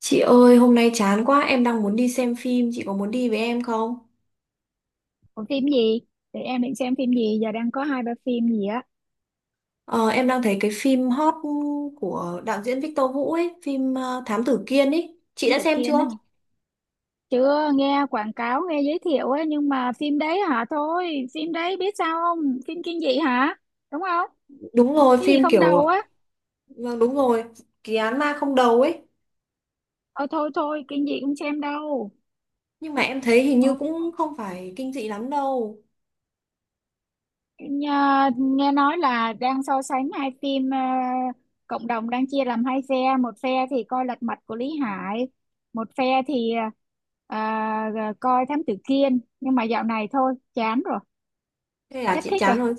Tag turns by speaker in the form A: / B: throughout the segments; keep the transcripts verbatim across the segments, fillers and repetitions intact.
A: Chị ơi, hôm nay chán quá, em đang muốn đi xem phim, chị có muốn đi với em không?
B: Còn phim gì? Để em định xem phim gì, giờ đang có hai ba phim gì á.
A: Ờ, em đang thấy cái phim hot của đạo diễn Victor Vũ ấy, phim ờ, Thám Tử Kiên ấy. Chị
B: Thám
A: đã
B: Tử
A: xem
B: Kiên á
A: chưa?
B: hả? Chưa nghe quảng cáo, nghe giới thiệu á, nhưng mà phim đấy hả thôi, phim đấy biết sao không? Phim kinh dị hả? Đúng không?
A: Đúng rồi,
B: Cái gì
A: phim
B: không
A: kiểu,
B: đầu á?
A: vâng đúng rồi, kỳ án ma không đầu ấy.
B: Ờ thôi thôi, kinh dị không xem đâu.
A: Nhưng mà em thấy hình
B: Ờ,
A: như cũng không phải kinh dị lắm đâu.
B: nhà- nghe nói là đang so sánh hai phim, ờ, cộng đồng đang chia làm hai phe, một phe thì coi Lật Mặt của Lý Hải, một phe thì ờ, ờ, coi Thám Tử Kiên. Nhưng mà dạo này thôi, chán rồi,
A: Thế là
B: hết
A: chị
B: thích rồi.
A: chán rồi.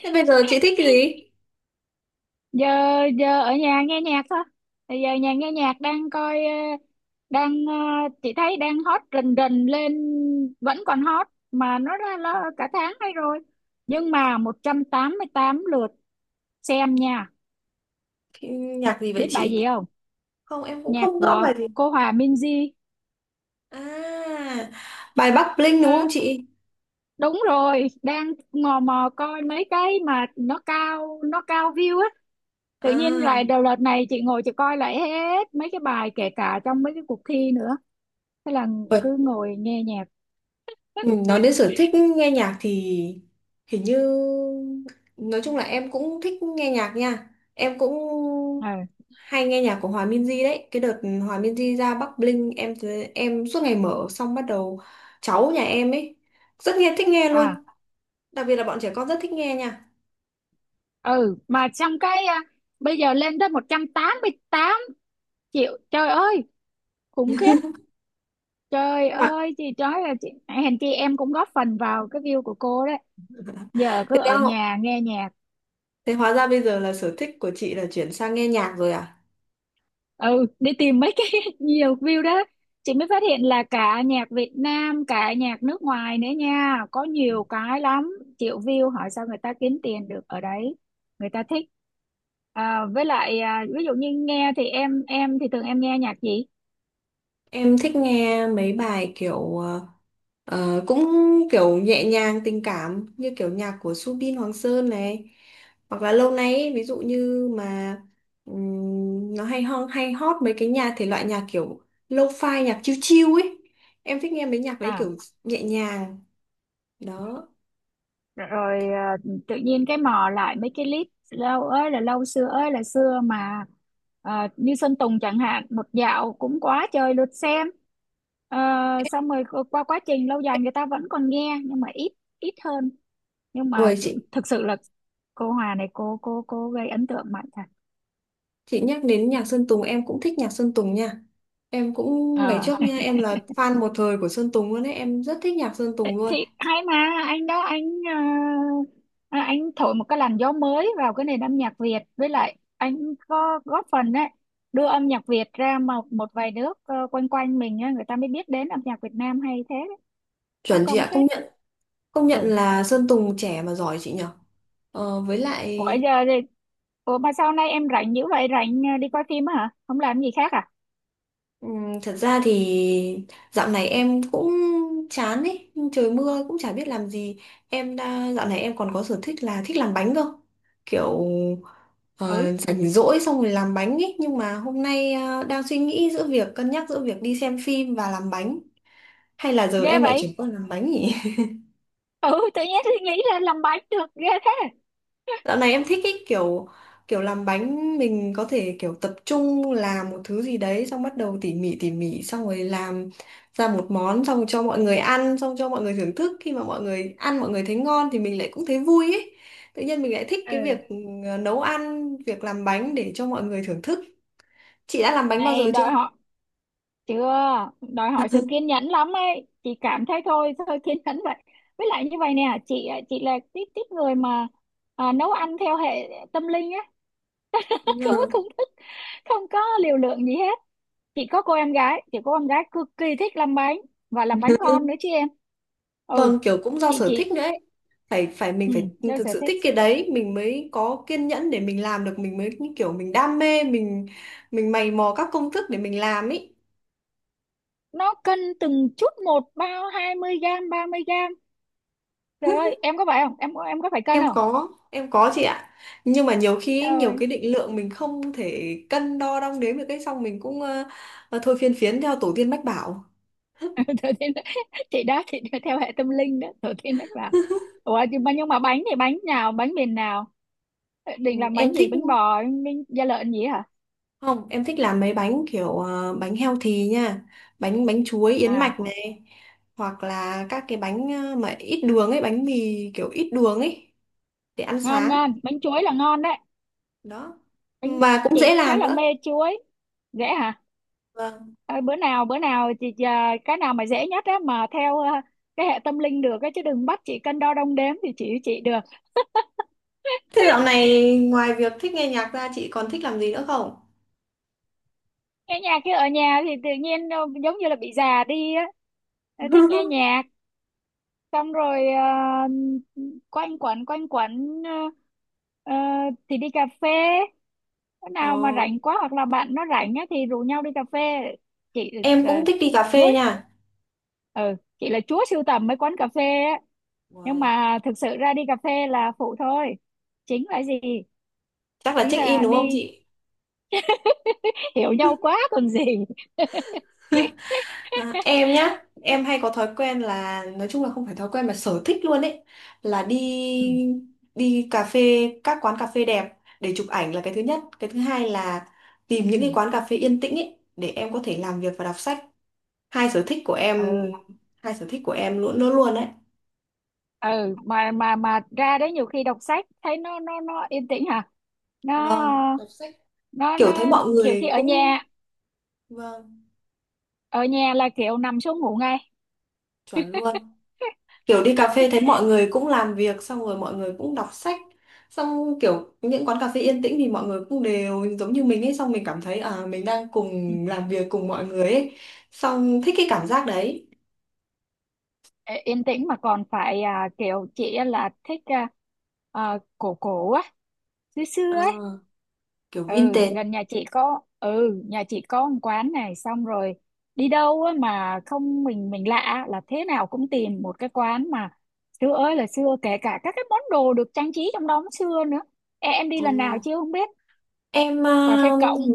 A: Thế bây giờ chị thích cái gì?
B: Giờ giờ ở nhà nghe nhạc thôi. Thì giờ nhà nghe nhạc đang coi, ờ, đang, ờ, chị thấy đang hot rình rình lên, vẫn còn hot mà nó ra là cả tháng nay rồi, nhưng mà một trăm tám mươi tám lượt xem nha.
A: Nhạc gì vậy
B: Biết bài
A: chị?
B: gì không?
A: Không, em cũng
B: Nhạc
A: không rõ
B: của
A: bài gì.
B: cô Hòa Minzy.
A: À, bài Bắc Bling đúng
B: Ờ,
A: không chị?
B: đúng rồi, đang mò mò coi mấy cái mà nó cao nó cao view á. Tự nhiên
A: À.
B: lại đầu đợt này chị ngồi chị coi lại hết mấy cái bài kể cả trong mấy cái cuộc thi nữa, thế là cứ ngồi nghe nhạc.
A: Ừ, nói đến sở thích nghe nhạc thì hình như nói chung là em cũng thích nghe nhạc nha, em cũng
B: Ừ.
A: hay nghe nhạc của Hòa Minzy đấy, cái đợt Hòa Minzy ra Bắc Bling em thấy- em suốt ngày mở xong bắt đầu cháu nhà em ấy rất nghe thích nghe
B: À.
A: luôn, đặc biệt là bọn trẻ con rất thích nghe nha,
B: Ừ, mà trong cái, à, bây giờ lên tới một trăm tám mươi tám triệu, trời ơi khủng khiếp. Trời
A: thế mà
B: ơi chị nói là chị hèn chi em cũng góp phần vào cái view của cô đấy. Giờ
A: thế
B: cứ
A: ra
B: ở nhà nghe nhạc.
A: thế hóa ra bây giờ là sở thích của chị là chuyển sang nghe nhạc rồi à?
B: Ừ, đi tìm mấy cái nhiều view đó. Chị mới phát hiện là cả nhạc Việt Nam cả nhạc nước ngoài nữa nha, có nhiều cái lắm, triệu view, hỏi sao người ta kiếm tiền được ở đấy, người ta thích. À, với lại, à, ví dụ như nghe thì em em thì thường em nghe nhạc gì.
A: Em thích nghe mấy bài kiểu ờ, ờ, cũng kiểu nhẹ nhàng tình cảm như kiểu nhạc của Subin Hoàng Sơn này, hoặc là lâu nay ấy, ví dụ như mà ừm, nó hay ho hay hot mấy cái nhà thể loại nhạc kiểu lo-fi nhạc chill chill ấy, em thích nghe mấy nhạc đấy
B: à
A: kiểu nhẹ nhàng đó.
B: rồi à, tự nhiên cái mò lại mấy cái clip lâu ơi là lâu xưa ơi là xưa mà. À, như Sơn Tùng chẳng hạn, một dạo cũng quá trời lượt xem. Ờ, xong rồi qua quá trình lâu dài người ta vẫn còn nghe nhưng mà ít, ít hơn, nhưng mà
A: Ôi chị
B: thực sự là cô Hòa này cô cô cô gây ấn tượng mạnh thật.
A: chị nhắc đến nhạc Sơn Tùng em cũng thích nhạc Sơn Tùng nha, em cũng ngày
B: Ờ,
A: trước nha, em là fan một thời của Sơn Tùng luôn ấy, em rất thích nhạc Sơn Tùng luôn.
B: thì hay mà, anh đó anh ờ, à, anh thổi một cái làn gió mới vào cái nền âm nhạc Việt, với lại anh có góp phần đấy đưa âm nhạc Việt ra một một vài nước, ờ, quanh quanh mình á, người ta mới biết đến âm nhạc Việt Nam hay thế đấy. Có
A: Chuẩn chị
B: công
A: ạ, công
B: phết.
A: nhận. Công nhận
B: Ừ.
A: là Sơn Tùng trẻ mà giỏi chị nhở. Ờ, với lại
B: Ủa giờ thì, ủa mà sau này em rảnh dữ vậy, rảnh, ờ, đi coi phim á hả, không làm gì khác à?
A: ừm, thật ra thì dạo này em cũng chán ấy, trời mưa cũng chả biết làm gì. Em đã dạo này em còn có sở thích là thích làm bánh cơ. Kiểu
B: Ừ,
A: ờ, rảnh rỗi xong rồi làm bánh ấy, nhưng mà hôm nay ờ, đang suy nghĩ giữa việc cân nhắc giữa việc đi xem phim và làm bánh, hay là giờ
B: ghê
A: em lại
B: vậy.
A: chuyển qua làm bánh nhỉ?
B: Ừ, tự nhiên suy nghĩ là làm bánh được ghê thế.
A: Dạo này em thích cái kiểu kiểu làm bánh mình có thể kiểu tập trung làm một thứ gì đấy xong bắt đầu tỉ mỉ tỉ mỉ xong rồi làm ra một món xong cho mọi người ăn, xong cho mọi người thưởng thức, khi mà mọi người ăn mọi người thấy ngon thì mình lại cũng thấy vui ấy. Tự nhiên mình lại thích cái việc
B: Ừ,
A: ừ, nấu ăn, việc làm bánh để cho mọi người thưởng thức. Chị đã làm bánh bao
B: này
A: giờ chưa?
B: đòi hỏi. Chưa. Đòi hỏi sự kiên nhẫn lắm ấy, chị cảm thấy thôi thôi kiên nhẫn vậy. Với lại như vậy nè chị ạ, chị là tiếp tiếp người mà, à, nấu ăn theo hệ tâm linh á. Không có
A: Ừ.
B: công thức, không có liều lượng gì hết. Chị có cô em gái, chị có em gái cực kỳ thích làm bánh và làm bánh ngon nữa chứ em. Ừ.
A: Vâng, kiểu cũng do
B: chị
A: sở thích
B: chị
A: nữa ấy. Phải phải mình
B: Ừ,
A: phải
B: đâu
A: thực
B: sở
A: sự
B: thích.
A: thích cái đấy mình mới có kiên nhẫn để mình làm được, mình mới như kiểu mình đam mê, mình mình mày mò các công thức để mình làm ý.
B: Nó cân từng chút một, bao hai mươi gram, ba mươi gram, trời ơi. Em có phải không, em em có phải cân
A: Em
B: không?
A: có, em có chị ạ, nhưng mà nhiều khi ý, nhiều
B: Trời.
A: cái định lượng mình không thể cân đo đong đếm được cái xong mình cũng ờ, thôi phiên phiến theo tổ tiên mách bảo.
B: Thừa Thiên, thì đó thì theo hệ tâm linh đó, Thừa Thiên Đức là. Ủa, nhưng mà nhưng mà bánh thì bánh nào, bánh miền nào? Ờ,
A: Ừ,
B: định làm bánh
A: em
B: gì,
A: thích,
B: bánh bò, bánh da lợn gì hả?
A: không em thích làm mấy bánh kiểu ờ, bánh healthy nha, bánh bánh chuối yến
B: À,
A: mạch này, hoặc là các cái bánh ờ, mà ít đường ấy, bánh mì kiểu ít đường ấy để ăn
B: ngon,
A: sáng
B: ngon bánh chuối là ngon đấy.
A: đó,
B: bánh
A: mà cũng
B: chị
A: dễ
B: khá
A: làm
B: là
A: nữa.
B: mê chuối. Dễ hả?
A: Vâng,
B: Ờ, bữa nào bữa nào chị, à, cái nào mà dễ nhất á, mà theo, à, cái hệ tâm linh được á, chứ đừng bắt chị cân đo đong đếm thì chị chị được.
A: thế dạo này ngoài việc thích nghe nhạc ra chị còn thích làm gì nữa không?
B: Nghe nhạc chứ ở nhà thì tự nhiên, ờ, giống như là bị già đi á. Ờ, thích nghe nhạc, xong rồi, à, quanh quẩn quanh quẩn, à, à, thì đi cà phê. Bữa
A: Ồ,
B: nào mà rảnh quá hoặc là bạn nó rảnh á thì rủ nhau đi cà phê. Chị
A: em
B: là
A: cũng thích đi cà
B: chúa.
A: phê nha.
B: Ừ, chị là chúa sưu tầm mấy quán cà phê á. Nhưng
A: Uầy,
B: mà thực sự ra đi cà phê là phụ thôi, chính là gì,
A: chắc là
B: chính
A: check in
B: là
A: đúng không
B: đi
A: chị?
B: hiểu nhau quá còn gì.
A: À, em nhá, em hay có thói quen là nói chung là không phải thói quen mà sở thích luôn ấy, là đi
B: Ừ.
A: đi cà phê các quán cà phê đẹp để chụp ảnh là cái thứ nhất, cái thứ hai là tìm những
B: Ừ.
A: cái quán cà phê yên tĩnh ấy để em có thể làm việc và đọc sách. Hai sở thích của em,
B: Ừ.
A: hai sở thích của em luôn luôn luôn đấy.
B: Ừ, mà mà mà ra đấy nhiều khi đọc sách thấy nó nó nó yên tĩnh hả, nó
A: Vâng đọc sách,
B: nó
A: kiểu thấy
B: nó
A: mọi
B: kiểu
A: người
B: khi ở
A: cũng,
B: nhà,
A: vâng
B: ở nhà là kiểu nằm xuống ngủ ngay.
A: chuẩn luôn, kiểu đi cà phê thấy mọi người cũng làm việc xong rồi mọi người cũng đọc sách, xong kiểu những quán cà phê yên tĩnh thì mọi người cũng đều giống như mình ấy, xong mình cảm thấy à mình đang cùng làm việc cùng mọi người ấy, xong thích cái cảm giác đấy.
B: Ê, yên tĩnh mà còn phải, à, kiểu chị á là thích, à, à, cổ cổ á, xưa xưa
A: Ờ,
B: ấy.
A: kiểu
B: Ừ,
A: vintage.
B: gần nhà chị có, ừ, nhà chị có một quán này, xong rồi đi đâu á mà không, mình mình lạ là thế nào cũng tìm một cái quán mà xưa ơi là xưa, kể cả các cái món đồ được trang trí trong đó cũng xưa nữa. Ê, em đi lần nào
A: Ừ.
B: chưa không biết,
A: Em
B: cà phê
A: ờ,
B: cộng,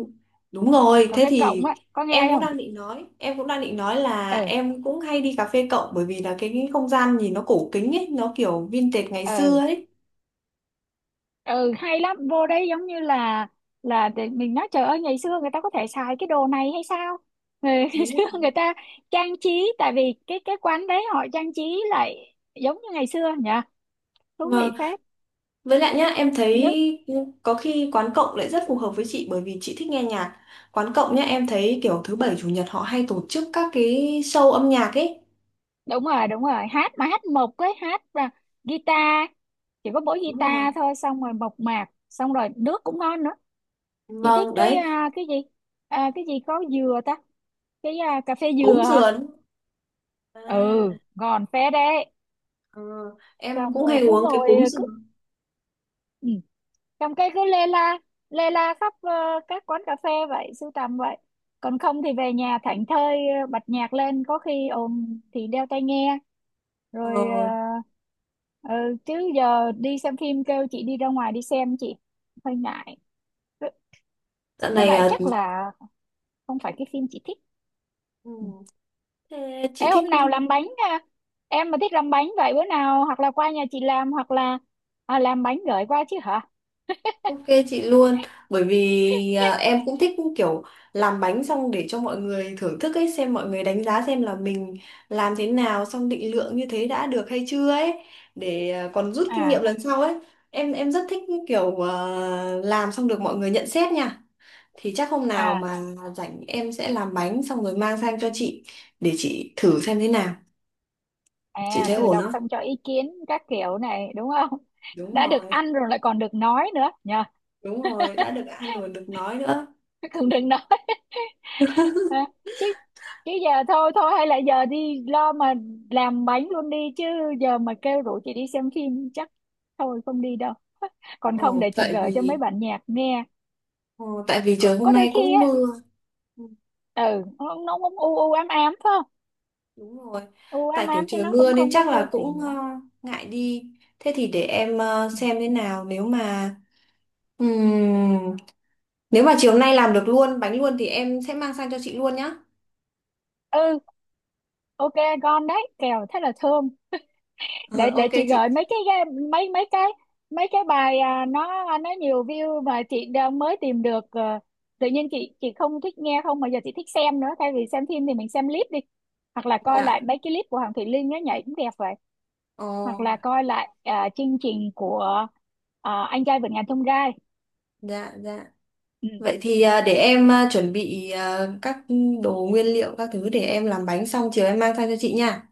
A: đúng rồi,
B: cà
A: thế
B: phê cộng
A: thì
B: á có
A: em
B: nghe
A: cũng
B: không?
A: đang định nói, em cũng đang định nói là
B: Ừ.
A: em cũng hay đi cà phê cộng bởi vì là cái, cái không gian nhìn nó cổ kính ấy, nó kiểu vintage ngày xưa
B: Ừ.
A: ấy.
B: Ừ, hay lắm vô đấy giống như là là để mình nói trời ơi ngày xưa người ta có thể xài cái đồ này hay sao, ngày, ngày
A: Đúng
B: xưa
A: rồi.
B: người ta trang trí, tại vì cái cái quán đấy họ trang trí lại giống như ngày xưa nhỉ, thú vị
A: Vâng,
B: phết.
A: với lại nhá, em
B: Nước
A: thấy có khi quán cộng lại rất phù hợp với chị bởi vì chị thích nghe nhạc. Quán cộng nhá, em thấy kiểu thứ bảy chủ nhật họ hay tổ chức các cái show âm nhạc ấy.
B: đúng rồi, đúng rồi, hát mà hát mộc ấy, hát và guitar, chỉ có mỗi
A: Đúng rồi.
B: guitar thôi, xong rồi mộc mạc, xong rồi nước cũng ngon nữa. Chị thích
A: Vâng,
B: cái,
A: đấy,
B: à, cái gì, à, cái gì có dừa ta, cái, à, cà phê dừa
A: cúng
B: hả?
A: sườn.
B: Ừ,
A: À,
B: ngon phết đấy.
A: ờ, em
B: Xong
A: cũng
B: rồi
A: hay
B: cứ
A: uống cái
B: ngồi
A: cúng
B: cứ,
A: sườn.
B: ừ, trong cái cứ lê la, lê la khắp, ờ, các quán cà phê vậy, sưu tầm vậy. Còn không thì về nhà thảnh thơi, ờ, bật nhạc lên, có khi ồn thì đeo tai nghe rồi,
A: Ờ,
B: ờ, ừ, chứ giờ đi xem phim kêu chị đi ra ngoài đi xem, chị hơi ngại với,
A: dạo
B: với
A: này
B: lại
A: à,
B: chắc là không phải cái phim chị thích.
A: ừ.
B: Ừ.
A: Thế chị
B: Ê,
A: thích,
B: hôm nào làm bánh à? Em mà thích làm bánh vậy bữa nào hoặc là qua nhà chị làm, hoặc là, à, làm bánh gửi qua chứ hả?
A: ok chị luôn, bởi vì à, em cũng thích kiểu làm bánh xong để cho mọi người thưởng thức ấy, xem mọi người đánh giá xem là mình làm thế nào, xong định lượng như thế đã được hay chưa ấy, để à, còn rút kinh nghiệm
B: À
A: lần sau ấy. em em rất thích kiểu à, làm xong được mọi người nhận xét nha, thì chắc hôm nào
B: à
A: mà rảnh em sẽ làm bánh xong rồi mang sang cho chị để chị thử xem thế nào, chị
B: à
A: thấy
B: thử
A: ổn
B: đọc
A: không.
B: xong cho ý kiến các kiểu này đúng không?
A: Đúng
B: Đã được
A: rồi,
B: ăn rồi lại còn được nói nữa nhờ.
A: đúng rồi, đã được ăn rồi được nói nữa.
B: Còn đừng nói. à, Chứ, chứ giờ thôi thôi hay là giờ đi lo mà làm bánh luôn đi chứ. Giờ mà kêu rủ chị đi xem phim chắc thôi không đi đâu. Còn không
A: Ồ,
B: để chị
A: tại
B: gửi cho mấy
A: vì
B: bạn nhạc nghe.
A: Ờ, tại vì
B: có,
A: trời hôm
B: có đôi
A: nay
B: khi
A: cũng
B: á.
A: mưa. Ừ,
B: Ừ, nó nó cũng u u ám ám phải không,
A: đúng rồi.
B: u ám
A: Tại kiểu
B: ám chứ
A: trời
B: nó
A: mưa
B: cũng
A: nên
B: không có
A: chắc
B: tươi
A: là cũng
B: tỉnh
A: ờ,
B: lắm.
A: ngại đi. Thế thì để em ờ, xem thế nào, nếu mà ừm, nếu mà chiều nay làm được luôn bánh luôn thì em sẽ mang sang cho chị luôn nhá.
B: Ừ. Ok. Con đấy kèo thế là thơm.
A: Ờ,
B: Để để
A: ok
B: chị
A: chị.
B: gửi mấy cái ga- mấy mấy cái mấy cái bài, à, nó nó nhiều view mà chị đã mới tìm được, ờ, tự nhiên chị chị không thích nghe không mà giờ chị thích xem nữa, thay vì xem phim thì mình xem clip đi, hoặc là coi
A: Dạ.
B: lại mấy cái clip của Hoàng Thùy Linh nó nhảy cũng đẹp vậy, hoặc
A: Ồ,
B: là coi lại, à, chương trình của, à, anh trai vượt ngàn chông gai.
A: dạ dạ.
B: Ừ.
A: Vậy thì ờ, để em ờ, chuẩn bị ờ, các đồ nguyên liệu các thứ để em làm bánh xong chiều em mang sang cho chị nha.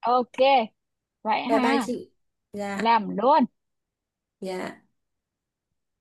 B: Ok, vậy
A: Bye bye
B: ha,
A: chị. Dạ,
B: làm luôn.
A: dạ.